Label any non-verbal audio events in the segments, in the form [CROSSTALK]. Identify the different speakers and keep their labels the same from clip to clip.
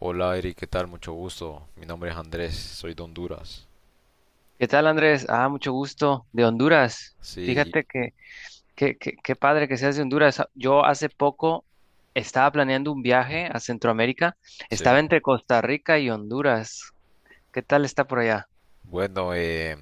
Speaker 1: Hola Eric, ¿qué tal? Mucho gusto. Mi nombre es Andrés, soy de Honduras.
Speaker 2: ¿Qué tal, Andrés? Ah, mucho gusto. De Honduras.
Speaker 1: Sí,
Speaker 2: Fíjate qué padre que seas de Honduras. Ah, yo hace poco estaba planeando un viaje a Centroamérica.
Speaker 1: sí.
Speaker 2: Estaba entre Costa Rica y Honduras. ¿Qué tal está por allá?
Speaker 1: Bueno,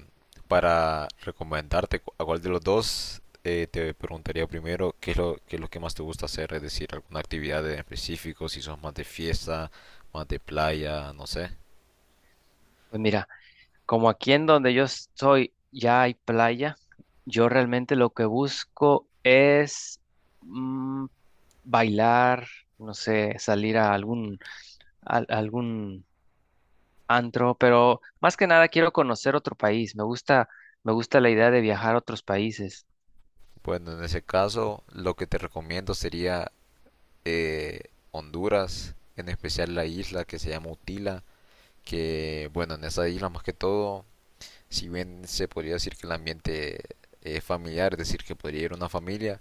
Speaker 1: para recomendarte a cuál de los dos, te preguntaría primero qué es lo que más te gusta hacer, es decir, alguna actividad en específico, si sos más de fiesta, más de playa, no sé.
Speaker 2: Pues mira, como aquí en donde yo estoy ya hay playa, yo realmente lo que busco es mm, bailar, no sé, salir a algún antro, pero más que nada quiero conocer otro país. Me gusta la idea de viajar a otros países.
Speaker 1: Bueno, en ese caso, lo que te recomiendo sería eh, Honduras, en especial la isla que se llama Utila, que bueno, en esa isla más que todo, si bien se podría decir que el ambiente familiar, es decir, que podría ir una familia,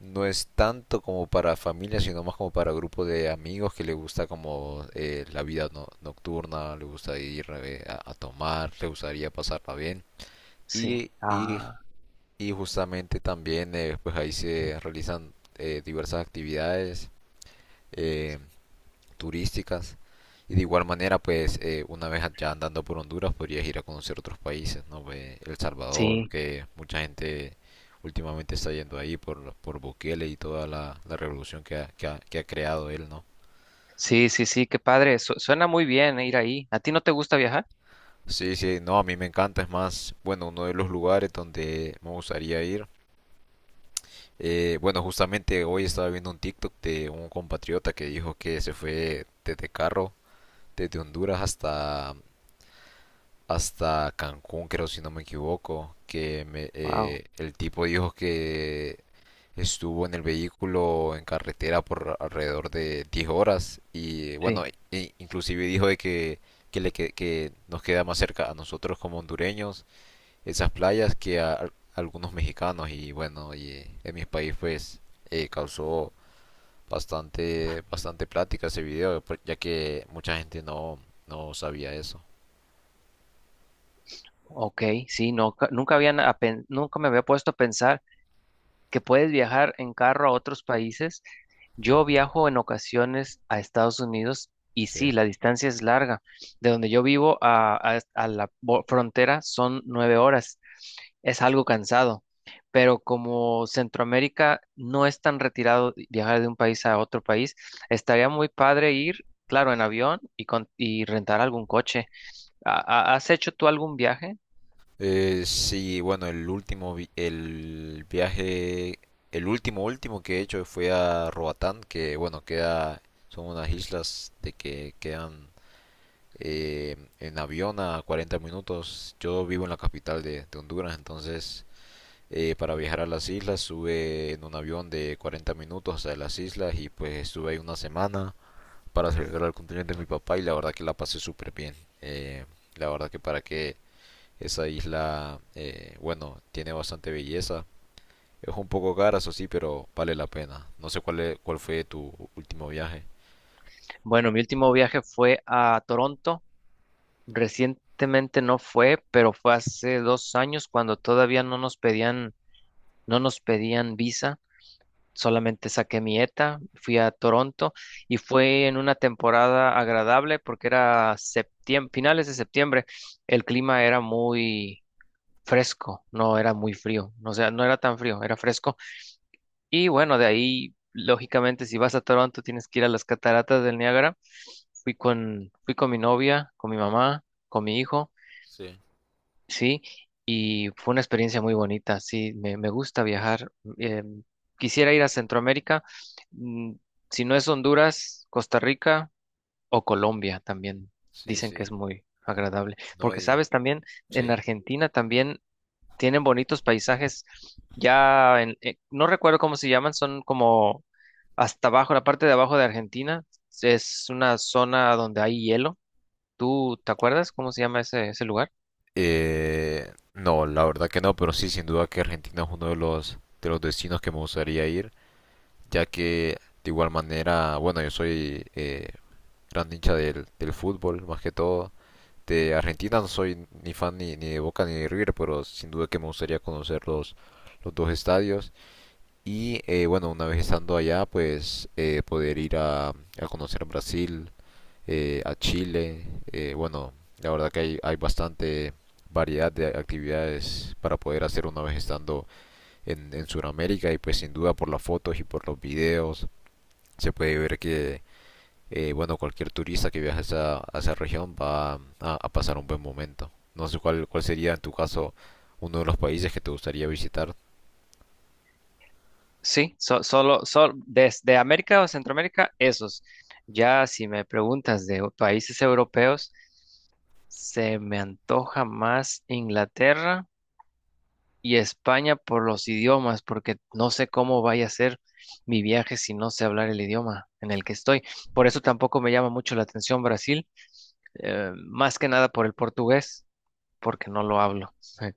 Speaker 1: no es tanto como para familia, sino más como para grupo de amigos que le gusta, como la vida nocturna, le gusta ir a tomar, le gustaría pasarla bien.
Speaker 2: Sí.
Speaker 1: Y, y,
Speaker 2: Ah,
Speaker 1: y justamente también, pues ahí se realizan diversas actividades eh, turísticas. Y de igual manera, pues una vez ya andando por Honduras podrías ir a conocer otros países, ¿no? Ve El Salvador,
Speaker 2: sí,
Speaker 1: que mucha gente últimamente está yendo ahí por Bukele y toda la revolución que ha creado él, ¿no?
Speaker 2: sí, sí, sí, qué padre. Suena muy bien ir ahí. ¿A ti no te gusta viajar?
Speaker 1: Sí, sí, no, a mí me encanta, es más, bueno, uno de los lugares donde me gustaría ir. Bueno, justamente hoy estaba viendo un TikTok de un compatriota que dijo que se fue desde carro, desde Honduras hasta Cancún, creo, si no me equivoco,
Speaker 2: Wow,
Speaker 1: el tipo dijo que estuvo en el vehículo en carretera por alrededor de 10 horas y bueno,
Speaker 2: sí.
Speaker 1: inclusive dijo de que nos queda más cerca a nosotros como hondureños esas playas que a, algunos mexicanos y bueno, y en mi país pues causó bastante plática ese video, ya que mucha gente no, no sabía eso.
Speaker 2: Ok, sí, no, nunca habían, nunca me había puesto a pensar que puedes viajar en carro a otros países. Yo viajo en ocasiones a Estados Unidos y sí,
Speaker 1: Sí.
Speaker 2: la distancia es larga. De donde yo vivo a, a la frontera son 9 horas. Es algo cansado, pero como Centroamérica no es tan retirado viajar de un país a otro país, estaría muy padre ir, claro, en avión y, y rentar algún coche. ¿Has hecho tú algún viaje?
Speaker 1: Sí, bueno, el último, vi- el viaje, el último que he hecho fue a Roatán, que bueno, queda, son unas islas de que quedan en avión a 40 minutos. Yo vivo en la capital de Honduras, entonces para viajar a las islas sube en un avión de 40 minutos hasta las islas y pues estuve ahí una semana para celebrar el cumpleaños de mi papá y la verdad que la pasé súper bien. Eh, la verdad que para qué, esa isla, bueno, tiene bastante belleza. Es un poco cara, eso sí, pero vale la pena. No sé cuál fue tu último viaje.
Speaker 2: Bueno, mi último viaje fue a Toronto. Recientemente no fue, pero fue hace 2 años cuando todavía no nos pedían, no nos pedían visa. Solamente saqué mi ETA, fui a Toronto y fue en una temporada agradable porque era septiembre, finales de septiembre. El clima era muy fresco, no era muy frío, o sea, no era tan frío, era fresco. Y bueno, de ahí, lógicamente, si vas a Toronto tienes que ir a las cataratas del Niágara. Fui con mi novia, con mi mamá, con mi hijo.
Speaker 1: Sí,
Speaker 2: Sí, y fue una experiencia muy bonita, sí, me gusta viajar. eh, Quisiera ir a Centroamérica, mm, si no es Honduras, Costa Rica o Colombia también.
Speaker 1: sí,
Speaker 2: Dicen que
Speaker 1: sí.
Speaker 2: es muy agradable,
Speaker 1: No,
Speaker 2: porque
Speaker 1: y...
Speaker 2: sabes también, en
Speaker 1: Sí.
Speaker 2: Argentina también tienen bonitos paisajes, no recuerdo cómo se llaman, son como hasta abajo, la parte de abajo de Argentina, es una zona donde hay hielo. ¿Tú te acuerdas cómo se llama ese lugar?
Speaker 1: No, la verdad que no, pero sí, sin duda que Argentina es uno de de los destinos que me gustaría ir, ya que de igual manera, bueno, yo soy gran hincha del fútbol, más que todo. De Argentina no soy ni fan ni, ni de Boca ni de River, pero sin duda que me gustaría conocer los dos estadios. Y bueno, una vez estando allá, pues poder ir a conocer Brasil, a Chile. Bueno, la verdad que hay bastante variedad de actividades para poder hacer una vez estando en Sudamérica y pues sin duda por las fotos y por los videos se puede ver que bueno, cualquier turista que viaje a a esa región va a pasar un buen momento. No sé cuál sería en tu caso uno de los países que te gustaría visitar.
Speaker 2: Sí, desde América o Centroamérica, esos. Ya si me preguntas de países europeos, se me antoja más Inglaterra y España por los idiomas, porque no sé cómo vaya a ser mi viaje si no sé hablar el idioma en el que estoy. Por eso tampoco me llama mucho la atención Brasil, más que nada por el portugués, porque no lo hablo. [LAUGHS]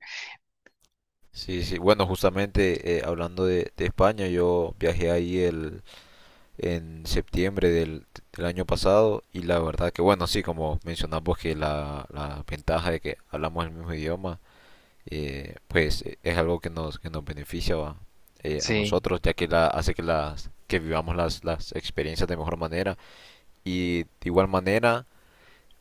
Speaker 1: Sí, sí, bueno, justamente hablando de España, yo viajé ahí en septiembre del año pasado y la verdad que bueno, sí, como mencionamos que la ventaja de que hablamos el mismo idioma, pues es algo que nos beneficia, ¿va? A
Speaker 2: Sí.
Speaker 1: nosotros, ya que hace que vivamos las experiencias de mejor manera. Y de igual manera,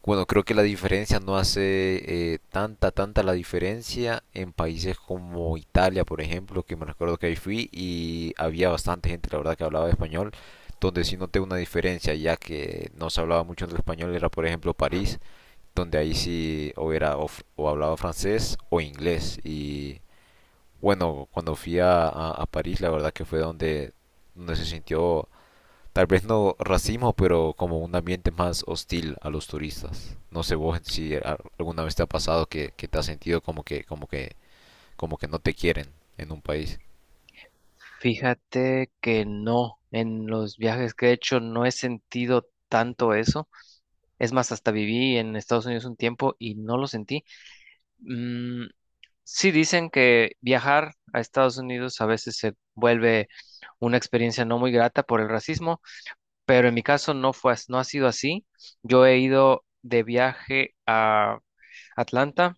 Speaker 1: bueno, creo que la diferencia no hace tanta la diferencia en países como Italia, por ejemplo, que me recuerdo que ahí fui y había bastante gente, la verdad, que hablaba español, donde sí noté una diferencia, ya que no se hablaba mucho del español, era por ejemplo París, donde ahí sí o hablaba francés o inglés, y bueno, cuando fui a París, la verdad que fue donde se sintió, tal vez no racismo, pero como un ambiente más hostil a los turistas. No sé vos si alguna vez te ha pasado que te has sentido como que no te quieren en un país.
Speaker 2: Fíjate que no, en los viajes que he hecho no he sentido tanto eso. Es más, hasta viví en Estados Unidos un tiempo y no lo sentí. Mm, sí dicen que viajar a Estados Unidos a veces se vuelve una experiencia no muy grata por el racismo, pero en mi caso no ha sido así. Yo he ido de viaje a Atlanta,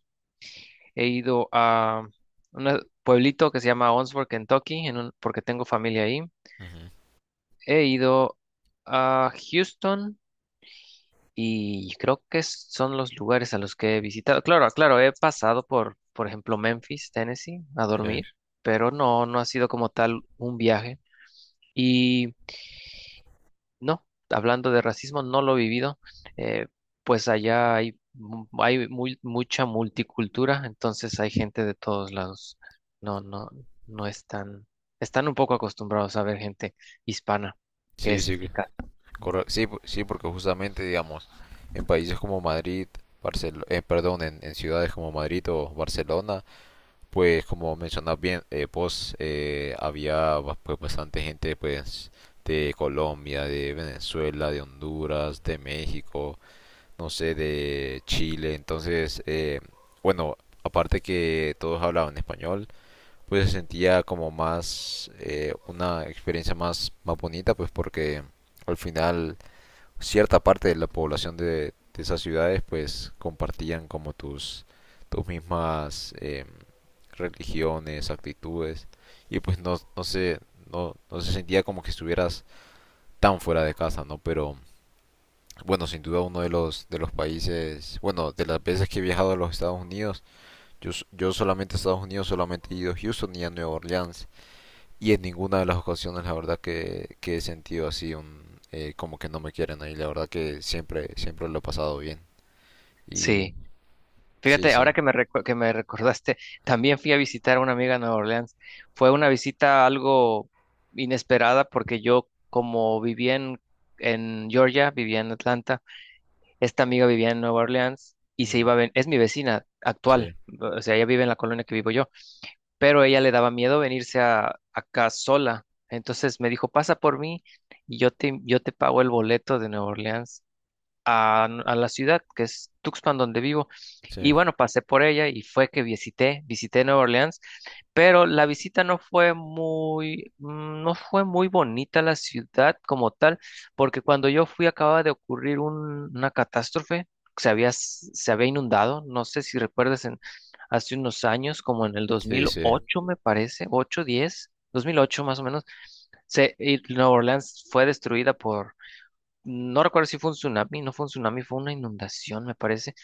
Speaker 2: he ido a un pueblito que se llama Owensboro, Kentucky, porque tengo familia ahí.
Speaker 1: Ujú.
Speaker 2: He ido a Houston y creo que son los lugares a los que he visitado. Claro, claro, he pasado por ejemplo, Memphis, Tennessee, a
Speaker 1: Sí.
Speaker 2: dormir, pero no, no ha sido como tal un viaje. Y no, hablando de racismo, no lo he vivido. Eh, pues hay mucha multicultura, entonces hay gente de todos lados. No, no, no están, están un poco acostumbrados a ver gente hispana, que
Speaker 1: Sí,
Speaker 2: es
Speaker 1: sí,
Speaker 2: mi caso.
Speaker 1: correcto. Sí, sí, porque justamente, digamos, en países como Madrid, perdón, en ciudades como Madrid o Barcelona, pues como mencionas bien, vos, pues bastante gente, pues de Colombia, de Venezuela, de Honduras, de México, no sé, de Chile. Entonces, bueno, aparte que todos hablaban español, pues se sentía como más una experiencia más bonita, pues porque al final cierta parte de la población de esas ciudades pues compartían como tus mismas religiones, actitudes, y pues no se sentía como que estuvieras tan fuera de casa, ¿no? Pero bueno, sin duda uno de de los países, bueno, de las veces que he viajado a los Estados Unidos, yo solamente a Estados Unidos, solamente he ido a Houston y a Nueva Orleans, y en ninguna de las ocasiones la verdad que he sentido así un como que no me quieren ahí, la verdad que siempre, siempre lo he pasado bien. Y
Speaker 2: Sí.
Speaker 1: sí,
Speaker 2: Fíjate, ahora
Speaker 1: sí.
Speaker 2: que que me recordaste, también fui a visitar a una amiga en Nueva Orleans. Fue una visita algo inesperada porque yo, como en Georgia, vivía en Atlanta, esta amiga vivía en Nueva Orleans y se
Speaker 1: Ujú.
Speaker 2: es mi vecina actual,
Speaker 1: Sí,
Speaker 2: o sea, ella vive en la colonia que vivo yo, pero a ella le daba miedo venirse a, acá sola. Entonces me dijo, pasa por mí y yo te pago el boleto de Nueva Orleans a la ciudad que es Tuxpan donde vivo. Y
Speaker 1: sí.
Speaker 2: bueno, pasé por ella y fue que visité Nueva Orleans, pero la visita no fue muy, mm, no fue muy bonita la ciudad como tal, porque cuando yo fui acababa de ocurrir una catástrofe, se había inundado, no sé si recuerdas en, hace unos años, como en el dos
Speaker 1: Sí,
Speaker 2: mil
Speaker 1: sí.
Speaker 2: ocho me parece, ocho diez 2008 más o menos, se, y Nueva Orleans fue destruida por no recuerdo si fue un tsunami, no fue un tsunami, fue una inundación, me parece,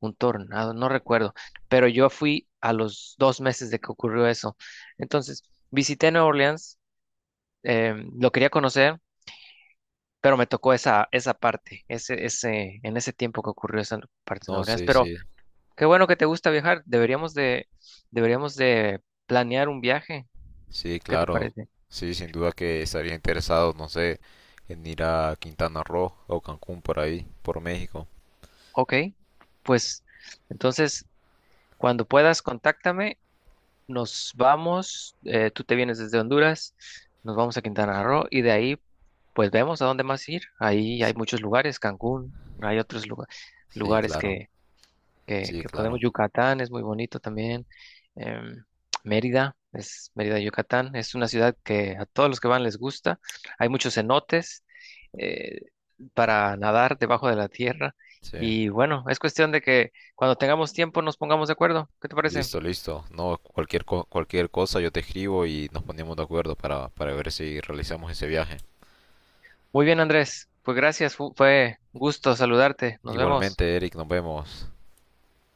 Speaker 2: un tornado, no recuerdo, pero yo fui a los 2 meses de que ocurrió eso. Entonces, visité Nueva Orleans, lo quería conocer, pero me tocó esa parte, en ese tiempo que ocurrió esa parte de Nueva
Speaker 1: No,
Speaker 2: Orleans.
Speaker 1: sí,
Speaker 2: Pero
Speaker 1: sí.
Speaker 2: qué bueno que te gusta viajar, deberíamos de planear un viaje,
Speaker 1: Sí,
Speaker 2: ¿qué te
Speaker 1: claro.
Speaker 2: parece?
Speaker 1: Sí, sin duda que estaría interesado, no sé, en ir a Quintana Roo o Cancún por ahí, por México.
Speaker 2: Ok, pues entonces, cuando puedas, contáctame. Nos vamos, tú te vienes desde Honduras, nos vamos a Quintana Roo y de ahí pues vemos a dónde más ir. Ahí hay
Speaker 1: S-
Speaker 2: muchos lugares, Cancún, hay
Speaker 1: Sí,
Speaker 2: lugares
Speaker 1: claro. Sí,
Speaker 2: que podemos,
Speaker 1: claro.
Speaker 2: Yucatán es muy bonito también, em, Mérida, Yucatán, es una ciudad que a todos los que van les gusta, hay muchos cenotes eh, para nadar debajo de la tierra
Speaker 1: Sí.
Speaker 2: y bueno, es cuestión de que cuando tengamos tiempo nos pongamos de acuerdo, ¿qué te parece?
Speaker 1: Listo, listo. No, cualquier cualquier cosa yo te escribo y nos ponemos de acuerdo para ver si realizamos ese viaje.
Speaker 2: Muy bien, Andrés. Pues gracias, fue gusto saludarte. Nos vemos.
Speaker 1: Igualmente, Eric, nos vemos.